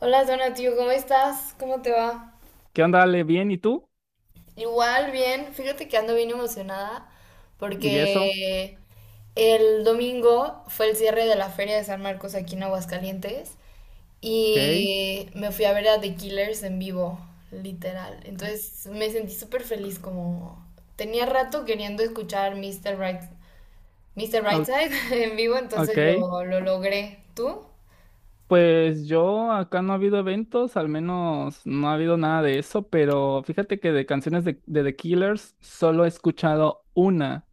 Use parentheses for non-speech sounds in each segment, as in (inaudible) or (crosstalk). Hola Donatio, ¿cómo estás? ¿Cómo te va? ¿Qué onda, Ale? ¿Bien? ¿Y tú? Igual, bien. Fíjate que ando bien emocionada ¿Y eso? porque el domingo fue el cierre de la Feria de San Marcos aquí en Aguascalientes Ok. y me fui a ver a The Killers en vivo, literal. Entonces me sentí súper feliz como tenía rato queriendo escuchar Mr. Right, Mr. o- Brightside (laughs) en vivo, entonces Ok. lo logré. ¿Tú? Pues yo acá no ha habido eventos, al menos no ha habido nada de eso, pero fíjate que de canciones de The Killers solo he escuchado una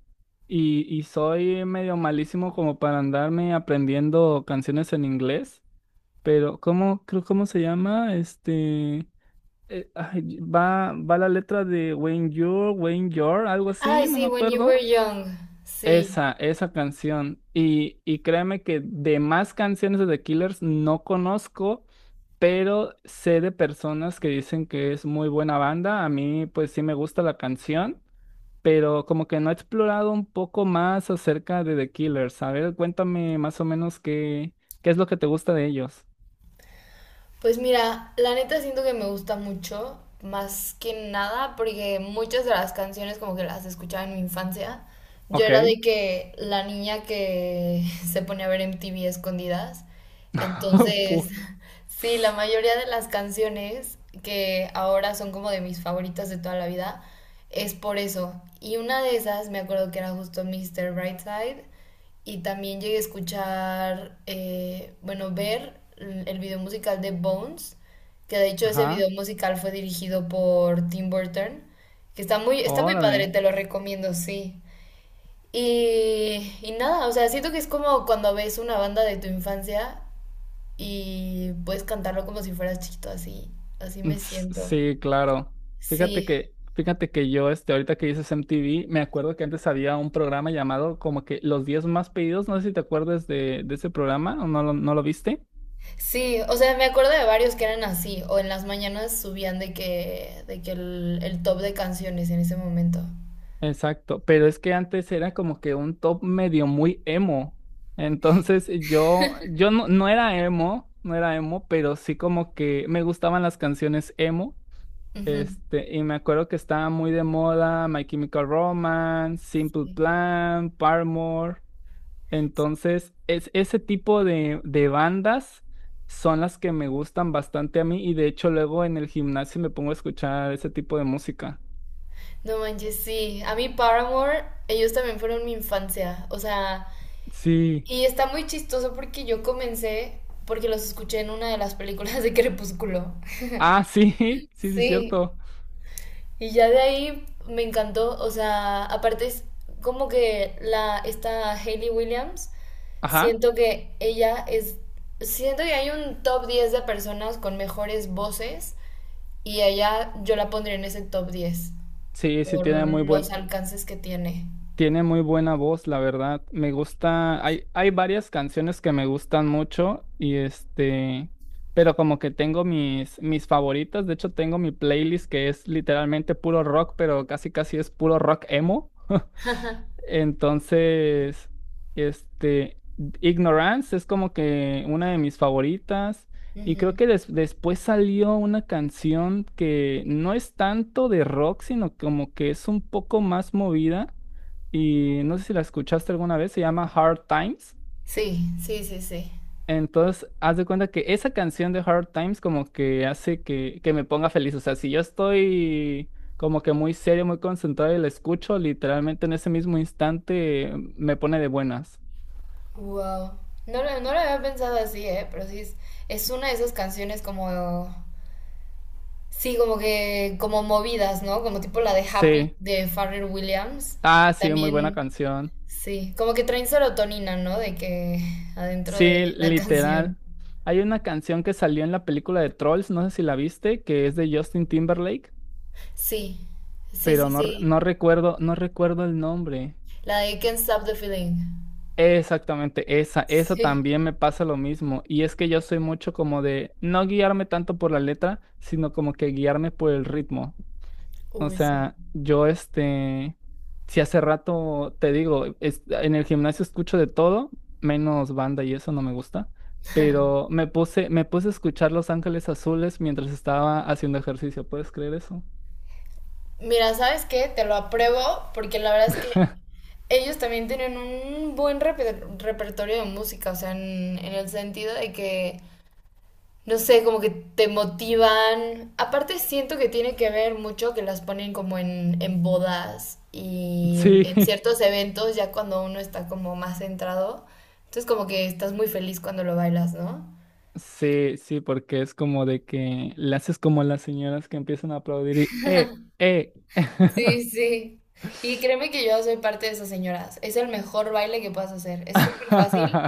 y soy medio malísimo como para andarme aprendiendo canciones en inglés, pero ¿cómo, creo, cómo se llama? Va la letra de When You're, algo así, Ay, no me sí, When You Were acuerdo. Young. Sí. Esa canción. Y créeme que de más canciones de The Killers no conozco, pero sé de personas que dicen que es muy buena banda. A mí, pues sí me gusta la canción, pero como que no he explorado un poco más acerca de The Killers. A ver, cuéntame más o menos qué es lo que te gusta de ellos. Pues mira, la neta siento que me gusta mucho, más que nada, porque muchas de las canciones como que las escuchaba en mi infancia. Yo era Ok. de que la niña que (laughs) se pone a ver MTV escondidas. (laughs) Entonces, Pu- (laughs) sí, la mayoría de las canciones que ahora son como de mis favoritas de toda la vida es por eso. Y una de esas me acuerdo que era justo Mr. Brightside. Y también llegué a escuchar, bueno, ver el video musical de Bones, que de hecho ese video Ajá. musical fue dirigido por Tim Burton, que está muy Órale. padre, te lo recomiendo, sí. Y nada, o sea, siento que es como cuando ves una banda de tu infancia y puedes cantarlo como si fueras chiquito, así, así me siento. Sí, claro. Fíjate Sí. que, fíjate que yo, ahorita que dices MTV, me acuerdo que antes había un programa llamado como que Los 10 más pedidos, no sé si te acuerdas de ese programa, ¿o no lo viste? Sí, o sea, me acuerdo de varios que eran así, o en las mañanas subían de que el top de canciones en ese momento. Exacto, pero es que antes era como que un top medio muy emo. Entonces yo, yo no era emo, no era emo, pero sí como que me gustaban las canciones emo. Ujú, Y me acuerdo que estaba muy de moda My Chemical Romance, Simple sí. Plan, Paramore. Entonces, ese tipo de bandas son las que me gustan bastante a mí y de hecho luego en el gimnasio me pongo a escuchar ese tipo de música. No manches, sí. A mí Paramore, ellos también fueron mi infancia. O sea, Sí. y está muy chistoso porque yo comencé porque los escuché en una de las películas de Crepúsculo. Ah, sí, (laughs) sí, sí, Sí. cierto. Y ya de ahí me encantó, o sea, aparte es como que la, esta Hayley Williams, Ajá. siento que ella es, siento que hay un top 10 de personas con mejores voces y ella yo la pondría en ese top 10 Sí, sí, por los alcances que tiene. tiene muy buena voz, la verdad. Me gusta, hay varias canciones que me gustan mucho y pero como que tengo mis favoritas. De hecho, tengo mi playlist que es literalmente puro rock, pero casi casi es puro rock emo. (laughs) Entonces, este, Ignorance es como que una de mis favoritas. Y creo Ujú. que después salió una canción que no es tanto de rock, sino como que es un poco más movida. Y no sé si la escuchaste alguna vez, se llama Hard Times. Sí, sí, sí, sí. Entonces, haz de cuenta que esa canción de Hard Times como que hace que me ponga feliz. O sea, si yo estoy como que muy serio, muy concentrado y la escucho, literalmente en ese mismo instante me pone de buenas. Wow. No, no lo había pensado así, ¿eh? Pero sí, es una de esas canciones como. Sí, como movidas, ¿no? Como tipo la de Happy Sí. de Pharrell Williams. Ah, sí, muy buena También, canción. sí, como que traen serotonina, ¿no? De que adentro de Sí, la (laughs) literal. canción. Hay una canción que salió en la película de Trolls, no sé si la viste, que es de Justin Timberlake, Sí, sí, sí, pero no, re- sí. no recuerdo, no recuerdo el nombre. La de Can't Stop the Feeling. Exactamente, esa Sí, también me pasa lo mismo. Y es que yo soy mucho como de no guiarme tanto por la letra, sino como que guiarme por el ritmo. O uy, sí. sea, yo si hace rato te digo, en el gimnasio escucho de todo, menos banda y eso no me gusta, pero me puse a escuchar Los Ángeles Azules mientras estaba haciendo ejercicio. ¿Puedes creer eso? Mira, ¿sabes qué? Te lo apruebo porque la verdad es que ellos también tienen un buen repertorio de música, o sea, en el sentido de que no sé, como que te motivan. Aparte siento que tiene que ver mucho que las ponen como en bodas y (laughs) Sí. en ciertos eventos, ya cuando uno está como más centrado. Entonces como que estás muy feliz cuando lo bailas, ¿no? Sí, sí, porque es como de que le haces como las señoras que empiezan a aplaudir y ¡eh, eh! Sí, sí. Y créeme (laughs) que yo soy parte de esas señoras. Es el mejor baile que puedas hacer. Es súper fácil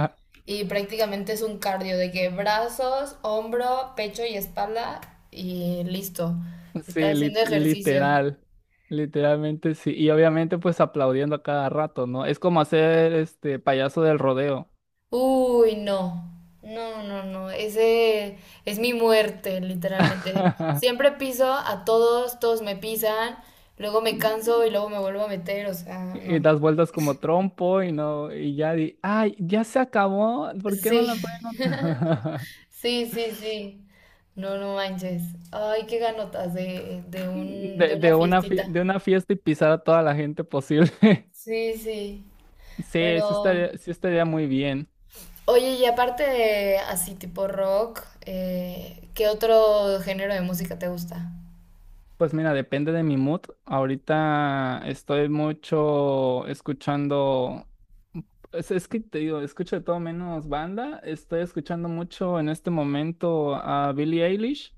y prácticamente es un cardio de que brazos, hombro, pecho y espalda y listo. Sí, Estás haciendo ejercicio. literal, literalmente sí. Y obviamente pues aplaudiendo a cada rato, ¿no? Es como hacer este payaso del rodeo. Uy, no. No, no, no. Ese es mi muerte, literalmente. (laughs) Siempre piso a todos, todos me pisan, luego me canso y luego me vuelvo a meter, o sea, no. Y das vueltas como trompo y no, y ya di, ay, ya se acabó, ¿por qué Sí. no la pueden (laughs) ot-?"?" Sí, sí, sí. No, no manches. Ay, qué ganotas (laughs) de una fiestita. de una fiesta y pisar a toda la gente posible. Sí, sí. Sí, Pero, sí estaría muy bien. oye, y aparte de así tipo rock, ¿qué otro género de música te gusta? Pues mira, depende de mi mood. Ahorita estoy mucho escuchando, es que te digo, escucho de todo menos banda. Estoy escuchando mucho en este momento a Billie Eilish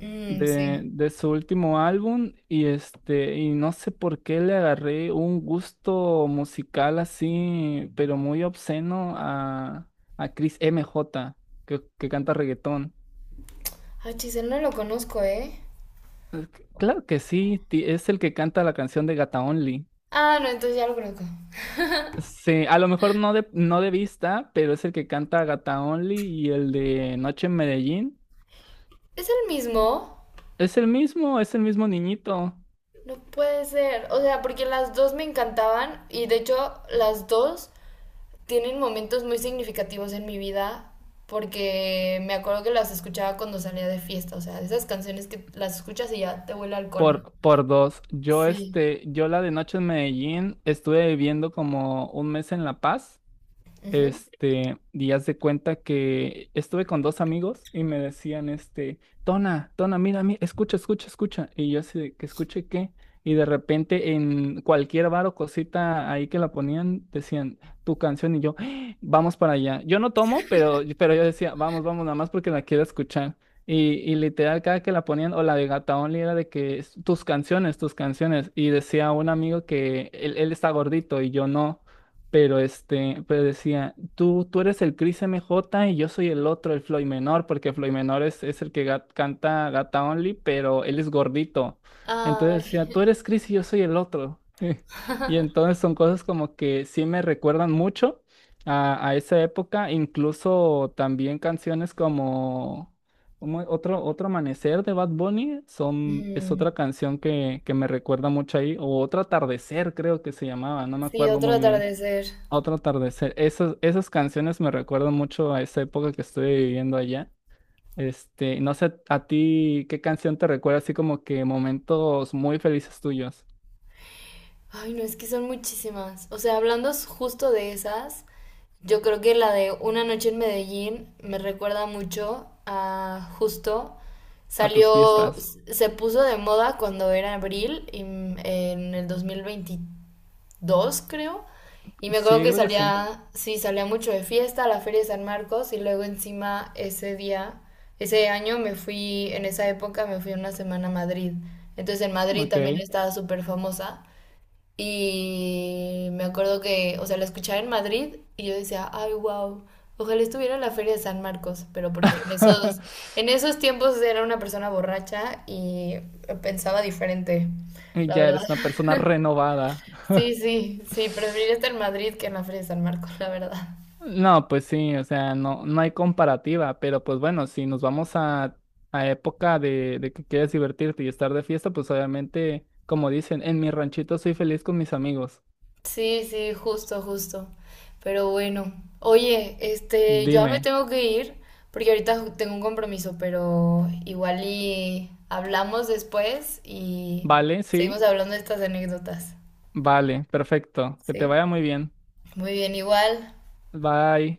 Mm, sí. de su último álbum y y no sé por qué le agarré un gusto musical así, pero muy obsceno a Chris M J que canta reggaetón. Ah, Chisel, no lo conozco, ¿eh? Claro que sí, es el que canta la canción de Gata Only. Ah, no, entonces ya lo conozco. Sí, a lo mejor no no de vista, pero es el que canta Gata Only y el de Noche en Medellín. ¿Es el mismo? Es el mismo niñito. No puede ser. O sea, porque las dos me encantaban y de hecho las dos tienen momentos muy significativos en mi vida porque me acuerdo que las escuchaba cuando salía de fiesta. O sea, esas canciones que las escuchas y ya te huele a alcohol, ¿no? Por dos. Yo, Sí. Yo la de Noche en Medellín estuve viviendo como un mes en La Paz. Ujú. Este, y haz de cuenta que estuve con dos amigos y me decían, este, Tona, Tona, mira, mí escucha, escucha, escucha. Y yo así de que escuche qué. Y de repente en cualquier bar o cosita ahí que la ponían, decían tu canción y yo, "Ah, vamos para allá. Yo no tomo, pero yo decía, vamos, vamos, nada más porque la quiero escuchar. Y literal, cada que la ponían, o la de Gata Only era de que tus canciones, tus canciones. Y decía un amigo que él está gordito y yo no. Pero este, pero decía, tú eres el Chris M J y yo soy el otro, el Floyd Menor, porque Floyd Menor es el que canta Gata Only, pero él es gordito. Ay. Entonces decía, tú eres Chris y yo soy el otro. (laughs) Y (laughs) entonces son cosas como que sí me recuerdan mucho a esa época, incluso también canciones como, otro amanecer de Bad Bunny es otra Mm, canción que me recuerda mucho ahí, o otro atardecer creo que se llamaba, no me sí, acuerdo otro muy bien. atardecer. Otro atardecer. Esas canciones me recuerdan mucho a esa época que estuve viviendo allá. Este, no sé a ti qué canción te recuerda así como que momentos muy felices tuyos, Ay, no, es que son muchísimas. O sea, hablando justo de esas, yo creo que la de Una noche en Medellín me recuerda mucho a justo. a tus Salió, fiestas. s- se puso de moda cuando era abril y en el 2022 creo. Y me Sí, acuerdo que creo que sí. salía, sí, salía mucho de fiesta a la Feria de San Marcos y luego encima ese día, ese año me fui, en esa época me fui una semana a Madrid. Entonces en Madrid también Ok. estaba súper famosa. Y me acuerdo que, o sea, la escuchaba en Madrid y yo decía, ay, wow, ojalá estuviera en la Feria de San Marcos, pero porque (laughs) en esos tiempos era una persona borracha y pensaba diferente, Y la ya verdad. eres una (laughs) persona renovada. Sí, sí, sí, preferiría estar en Madrid que en la Feria de San Marcos, la verdad. No, pues sí, o sea, no, no hay comparativa, pero pues bueno, si nos vamos a época de que quieres divertirte y estar de fiesta, pues obviamente, como dicen, en mi ranchito soy feliz con mis amigos. Sí, sí, justo, justo. Pero bueno, oye, este, yo ya me Dime. tengo que ir porque ahorita tengo un compromiso, pero igual y hablamos después y Vale, sí, seguimos hablando de estas anécdotas. vale, perfecto. Que te ¿Sí? vaya muy bien. Muy bien, igual. Bye.